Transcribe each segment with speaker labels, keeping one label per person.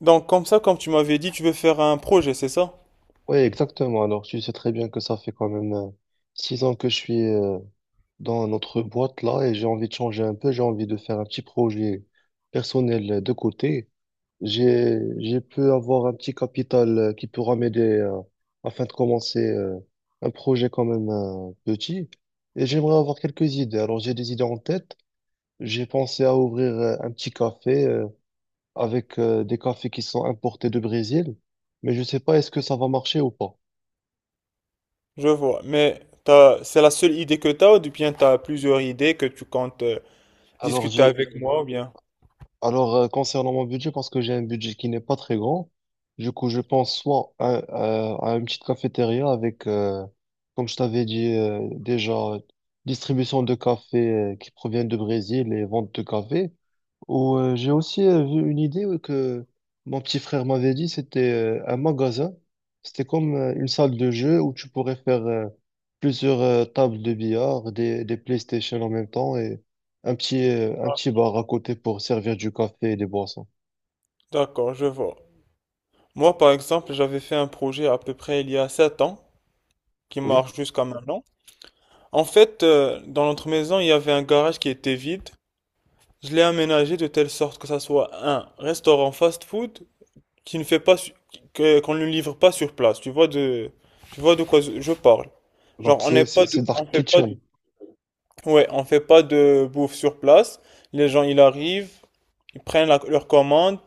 Speaker 1: Donc comme ça, comme tu m'avais dit, tu veux faire un projet, c'est ça?
Speaker 2: Oui, exactement. Alors, tu sais très bien que ça fait quand même 6 ans que je suis dans notre boîte là et j'ai envie de changer un peu. J'ai envie de faire un petit projet personnel de côté. J'ai pu avoir un petit capital qui pourra m'aider afin de commencer un projet quand même petit. Et j'aimerais avoir quelques idées. Alors, j'ai des idées en tête. J'ai pensé à ouvrir un petit café avec des cafés qui sont importés de Brésil, mais je sais pas est-ce que ça va marcher ou pas.
Speaker 1: Je vois. Mais t'as, c'est la seule idée que t'as ou bien t'as plusieurs idées que tu comptes
Speaker 2: Alors,
Speaker 1: discuter
Speaker 2: j'ai
Speaker 1: avec moi ou bien?
Speaker 2: Alors, concernant mon budget, parce que j'ai un budget qui n'est pas très grand, du coup, je pense soit à, à une petite cafétéria avec, comme je t'avais dit déjà, distribution de café qui provient du Brésil et vente de café. Ou, j'ai aussi vu une idée que mon petit frère m'avait dit, c'était un magasin. C'était comme une salle de jeu où tu pourrais faire plusieurs tables de billard, des PlayStation en même temps et un petit bar à côté pour servir du café et des boissons.
Speaker 1: D'accord, je vois. Moi, par exemple, j'avais fait un projet à peu près il y a 7 ans qui
Speaker 2: Oui.
Speaker 1: marche jusqu'à maintenant. En fait, dans notre maison, il y avait un garage qui était vide. Je l'ai aménagé de telle sorte que ça soit un restaurant fast-food qui ne fait pas qu'on ne livre pas sur place. Tu vois de quoi je parle. Genre
Speaker 2: Donc
Speaker 1: on
Speaker 2: c'est
Speaker 1: n'est pas
Speaker 2: c'est c'est
Speaker 1: de on
Speaker 2: Dark
Speaker 1: fait pas.
Speaker 2: Kitchen.
Speaker 1: Ouais, on fait pas de bouffe sur place. Les gens, ils arrivent, ils prennent leur commande,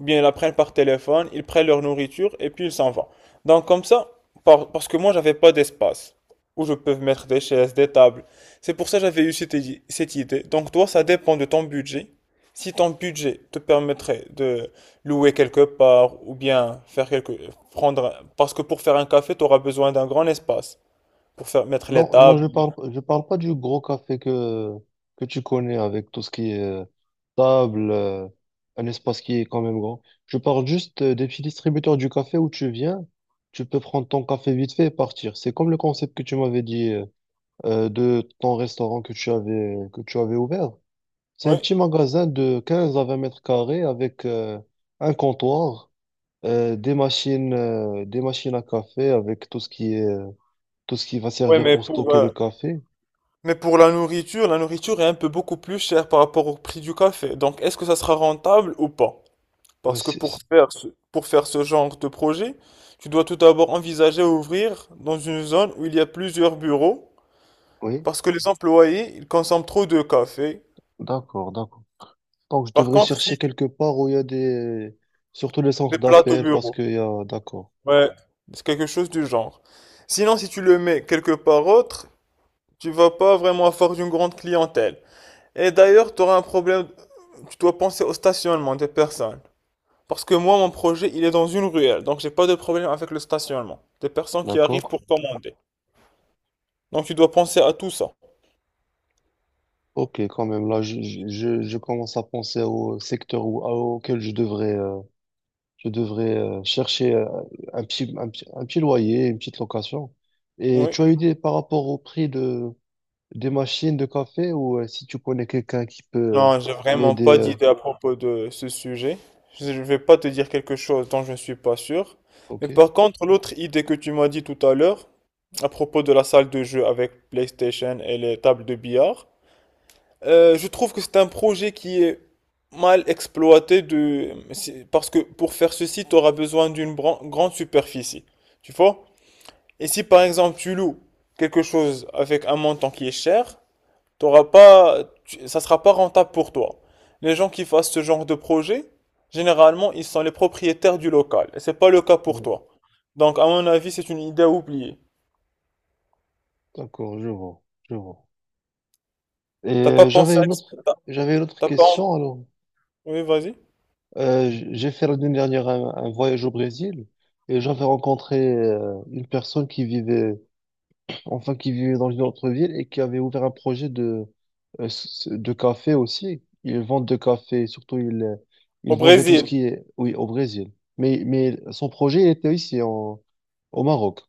Speaker 1: ou bien ils la prennent par téléphone, ils prennent leur nourriture et puis ils s'en vont. Donc comme ça, parce que moi, j'avais pas d'espace où je peux mettre des chaises, des tables. C'est pour ça que j'avais eu cette idée. Donc toi, ça dépend de ton budget. Si ton budget te permettrait de louer quelque part ou bien faire quelque prendre, parce que pour faire un café, tu auras besoin d'un grand espace pour faire mettre les
Speaker 2: Non, non, je
Speaker 1: tables.
Speaker 2: parle, je parle pas du gros café que tu connais avec tout ce qui est table, un espace qui est quand même grand. Je parle juste des petits distributeurs du café où tu viens, tu peux prendre ton café vite fait et partir. C'est comme le concept que tu m'avais dit de ton restaurant que tu avais ouvert. C'est un
Speaker 1: Ouais,
Speaker 2: petit magasin de 15 à 20 mètres carrés avec un comptoir, des machines à café avec tout ce qui va
Speaker 1: ouais,
Speaker 2: servir
Speaker 1: mais
Speaker 2: pour
Speaker 1: pour,
Speaker 2: stocker
Speaker 1: euh,
Speaker 2: le café.
Speaker 1: mais pour la nourriture est un peu beaucoup plus chère par rapport au prix du café. Donc, est-ce que ça sera rentable ou pas?
Speaker 2: Ouais,
Speaker 1: Parce que pour faire ce genre de projet, tu dois tout d'abord envisager ouvrir dans une zone où il y a plusieurs bureaux,
Speaker 2: oui,
Speaker 1: parce que les employés, ils consomment trop de café.
Speaker 2: d'accord, d'accord. Donc, je
Speaker 1: Par
Speaker 2: devrais
Speaker 1: contre, si
Speaker 2: chercher quelque part où il y a des. Surtout les centres
Speaker 1: des plateaux
Speaker 2: d'appel, parce
Speaker 1: bureaux.
Speaker 2: qu'il y a. D'accord,
Speaker 1: Ouais, c'est quelque chose du genre. Sinon, si tu le mets quelque part autre, tu vas pas vraiment avoir une grande clientèle. Et d'ailleurs, tu auras un problème, tu dois penser au stationnement des personnes. Parce que moi, mon projet, il est dans une ruelle, donc j'ai pas de problème avec le stationnement des personnes qui arrivent
Speaker 2: d'accord.
Speaker 1: pour commander. Donc tu dois penser à tout ça.
Speaker 2: Ok, quand même, là, je commence à penser au secteur où, auquel je devrais chercher un petit loyer, une petite location. Et
Speaker 1: Oui.
Speaker 2: tu as une idée par rapport au prix des machines de café ou si tu connais quelqu'un qui peut
Speaker 1: Non, j'ai vraiment
Speaker 2: m'aider
Speaker 1: pas d'idée à propos de ce sujet. Je ne vais pas te dire quelque chose dont je ne suis pas sûr. Mais
Speaker 2: ok,
Speaker 1: par contre, l'autre idée que tu m'as dit tout à l'heure, à propos de la salle de jeu avec PlayStation et les tables de billard. Je trouve que c'est un projet qui est mal exploité parce que pour faire ceci, tu auras besoin d'une grande superficie. Tu vois? Et si par exemple tu loues quelque chose avec un montant qui est cher, t'auras pas, tu- ça sera pas rentable pour toi. Les gens qui fassent ce genre de projet, généralement, ils sont les propriétaires du local. Et c'est pas le cas pour
Speaker 2: ouais,
Speaker 1: toi. Donc, à mon avis, c'est une idée à oublier.
Speaker 2: d'accord, je vois, je vois. Et
Speaker 1: T'as pas pensé
Speaker 2: j'avais
Speaker 1: à,
Speaker 2: une autre, j'avais une autre
Speaker 1: t'as pas
Speaker 2: question. Alors,
Speaker 1: Oui, vas-y.
Speaker 2: J'ai fait l'année dernière un voyage au Brésil et j'avais rencontré une personne qui vivait, enfin qui vivait dans une autre ville et qui avait ouvert un projet de café aussi. Ils vendent de café, surtout ils euh,
Speaker 1: Au
Speaker 2: ils vendaient tout ce
Speaker 1: Brésil.
Speaker 2: qui est, oui, au Brésil. Mais son projet était ici au Maroc.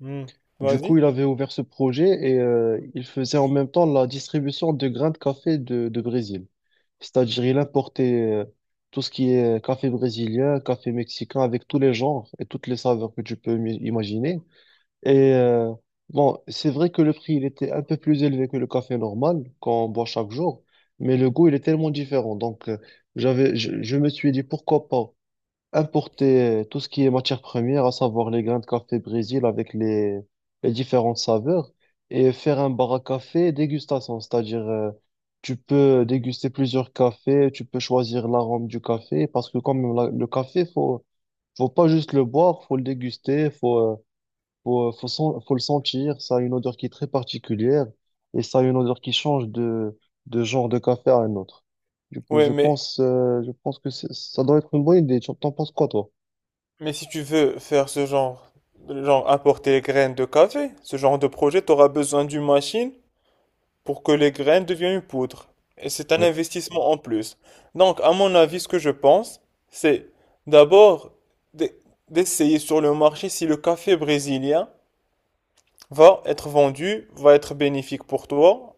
Speaker 1: Hmm.
Speaker 2: Du
Speaker 1: Vas-y.
Speaker 2: coup, il avait ouvert ce projet et il faisait en même temps la distribution de grains de café de Brésil. C'est-à-dire, il importait tout ce qui est café brésilien, café mexicain, avec tous les genres et toutes les saveurs que tu peux imaginer. Et bon, c'est vrai que le prix, il était un peu plus élevé que le café normal qu'on boit chaque jour, mais le goût, il est tellement différent. Donc, je me suis dit, pourquoi pas importer tout ce qui est matière première, à savoir les grains de café Brésil avec les différentes saveurs, et faire un bar à café dégustation, c'est-à-dire tu peux déguster plusieurs cafés, tu peux choisir l'arôme du café, parce que quand même la- le café, faut pas juste le boire, faut le déguster, faut, faut, faut, sen- faut le sentir, ça a une odeur qui est très particulière, et ça a une odeur qui change de genre de café à un autre. Du coup,
Speaker 1: Oui,
Speaker 2: je pense, euh, je pense que c'est- ça doit être une bonne idée. Tu- T'en penses quoi, toi?
Speaker 1: mais si tu veux faire ce genre, genre apporter les graines de café, ce genre de projet, tu auras besoin d'une machine pour que les graines deviennent une poudre. Et c'est un
Speaker 2: Oui,
Speaker 1: investissement en plus. Donc, à mon avis, ce que je pense, c'est d'abord d'e- d'essayer sur le marché si le café brésilien va être vendu, va être bénéfique pour toi.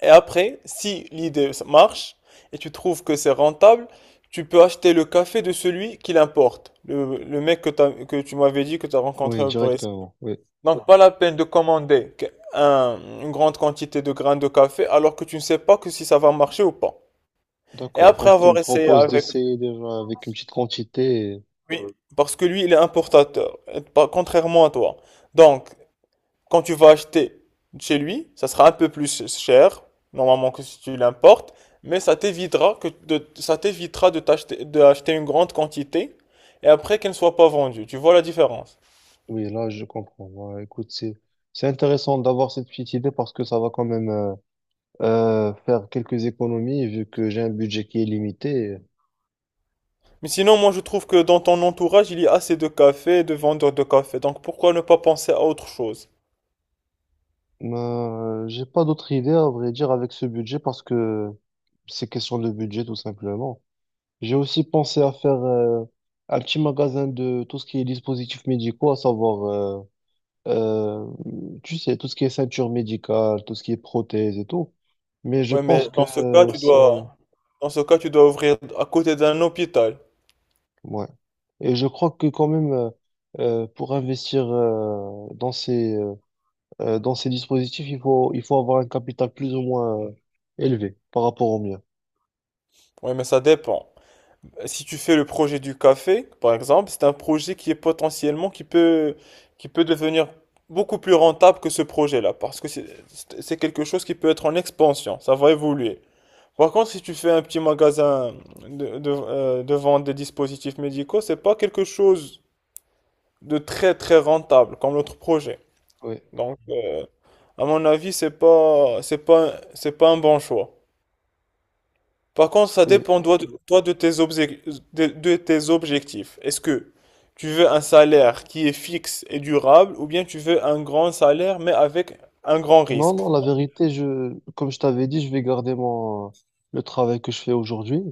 Speaker 1: Et après, si l'idée marche et tu trouves que c'est rentable, tu peux acheter le café de celui qui l'importe. Le mec que tu m'avais dit que tu as
Speaker 2: oui,
Speaker 1: rencontré au Brésil.
Speaker 2: directement. Oui,
Speaker 1: Donc, pas la peine de commander une grande quantité de grains de café alors que tu ne sais pas que si ça va marcher ou pas. Et
Speaker 2: d'accord.
Speaker 1: après
Speaker 2: Donc, tu
Speaker 1: avoir
Speaker 2: me
Speaker 1: essayé
Speaker 2: proposes
Speaker 1: avec
Speaker 2: d'essayer déjà avec une petite quantité. Et-
Speaker 1: lui, parce que lui, il est importateur, et contrairement à toi. Donc, quand tu vas acheter chez lui, ça sera un peu plus cher, normalement, que si tu l'importes, mais ça t'évitera de acheter une grande quantité et après qu'elle ne soit pas vendue. Tu vois la différence?
Speaker 2: Oui, là, je comprends. Ouais, écoute, c'est intéressant d'avoir cette petite idée parce que ça va quand même faire quelques économies vu que j'ai un budget qui est limité.
Speaker 1: Mais sinon, moi, je trouve que dans ton entourage, il y a assez de cafés et de vendeurs de café. Donc, pourquoi ne pas penser à autre chose?
Speaker 2: Mais j'ai pas d'autre idée, à vrai dire, avec ce budget parce que c'est question de budget, tout simplement. J'ai aussi pensé à faire un petit magasin de tout ce qui est dispositifs médicaux, à savoir. Euh, tu sais, tout ce qui est ceinture médicale, tout ce qui est prothèse et tout. Mais je
Speaker 1: Ouais,
Speaker 2: pense
Speaker 1: mais
Speaker 2: que
Speaker 1: dans ce cas,
Speaker 2: c'est.
Speaker 1: dans ce cas, tu dois ouvrir à côté d'un hôpital.
Speaker 2: Ouais. Et je crois que quand même, pour investir dans ces dispositifs, il faut avoir un capital plus ou moins élevé par rapport au mien.
Speaker 1: Oui, mais ça dépend. Si tu fais le projet du café, par exemple, c'est un projet qui est potentiellement, qui peut devenir beaucoup plus rentable que ce projet-là, parce que c'est quelque chose qui peut être en expansion, ça va évoluer. Par contre, si tu fais un petit magasin de vente des dispositifs médicaux, c'est pas quelque chose de très très rentable comme l'autre projet.
Speaker 2: Oui.
Speaker 1: Donc, à mon avis, c'est pas un bon choix. Par contre, ça dépend toi de tes objectifs. Est-ce que tu veux un salaire qui est fixe et durable ou bien tu veux un grand salaire mais avec un grand
Speaker 2: Non,
Speaker 1: risque?
Speaker 2: non, la vérité, comme je t'avais dit, je vais garder le travail que je fais aujourd'hui.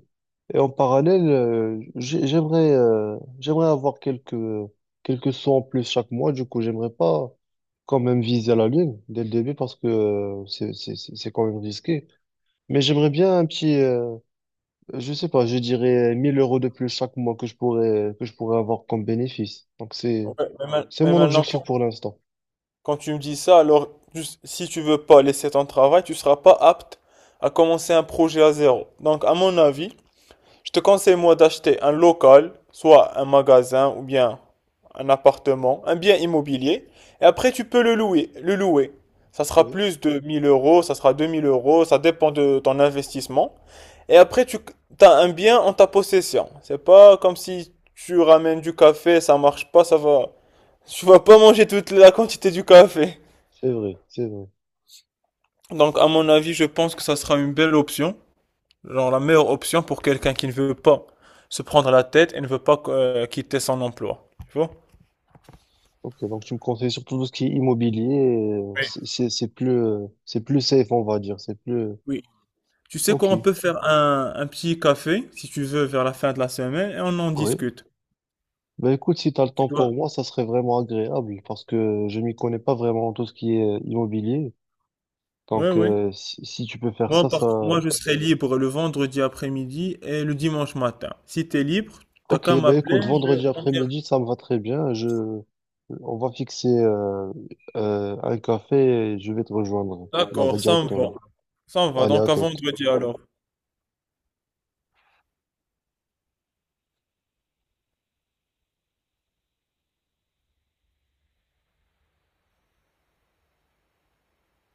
Speaker 2: Et en parallèle, j'aimerais avoir quelques sous en plus chaque mois. Du coup, j'aimerais pas quand même viser la lune dès le début parce que c'est quand même risqué. Mais j'aimerais bien je sais pas, je dirais 1 000 € de plus chaque mois que je pourrais avoir comme bénéfice. Donc
Speaker 1: Ouais,
Speaker 2: c'est,
Speaker 1: mais
Speaker 2: c'est
Speaker 1: mais
Speaker 2: mon
Speaker 1: maintenant,
Speaker 2: objectif pour l'instant.
Speaker 1: quand tu me dis ça, alors si tu veux pas laisser ton travail, tu seras pas apte à commencer un projet à zéro. Donc, à mon avis, je te conseille moi d'acheter un local, soit un magasin ou bien un appartement, un bien immobilier, et après tu peux le louer. Ça sera
Speaker 2: Oui,
Speaker 1: plus de 1 000 euros, ça sera 2 000 euros, ça dépend de ton investissement. Et après tu as un bien en ta possession. C'est pas comme si tu ramènes du café, ça marche pas, ça va. Tu vas pas manger toute la quantité du café.
Speaker 2: c'est vrai, c'est vrai.
Speaker 1: Donc à mon avis, je pense que ça sera une belle option. Genre la meilleure option pour quelqu'un qui ne veut pas se prendre la tête et ne veut pas quitter son emploi. Tu vois?
Speaker 2: Ok, donc tu me conseilles surtout tout ce qui est immobilier, euh,
Speaker 1: Oui.
Speaker 2: c'est c'est- c'est plus, euh, c'est plus safe, on va dire, c'est plus.
Speaker 1: Oui. Tu sais quoi, on
Speaker 2: Ok,
Speaker 1: peut faire un petit café, si tu veux, vers la fin de la semaine et on en
Speaker 2: oui.
Speaker 1: discute.
Speaker 2: Ben écoute, si tu as le
Speaker 1: Tu
Speaker 2: temps
Speaker 1: dois.
Speaker 2: pour moi, ça serait vraiment agréable parce que je m'y connais pas vraiment en tout ce qui est immobilier.
Speaker 1: Oui,
Speaker 2: Donc
Speaker 1: oui.
Speaker 2: si tu peux faire
Speaker 1: Moi,
Speaker 2: ça, ça.
Speaker 1: par... Moi, je serai libre le vendredi après-midi et le dimanche matin. Si tu es libre, t'as
Speaker 2: Ok,
Speaker 1: qu'à
Speaker 2: ben
Speaker 1: m'appeler,
Speaker 2: écoute,
Speaker 1: je...
Speaker 2: vendredi
Speaker 1: on vient.
Speaker 2: après-midi, ça me va très bien. Je. On va fixer un café et je vais te rejoindre là-bas
Speaker 1: D'accord, ça me va.
Speaker 2: directement.
Speaker 1: Ça me va,
Speaker 2: Allez,
Speaker 1: donc
Speaker 2: à
Speaker 1: à
Speaker 2: toi.
Speaker 1: vendredi alors.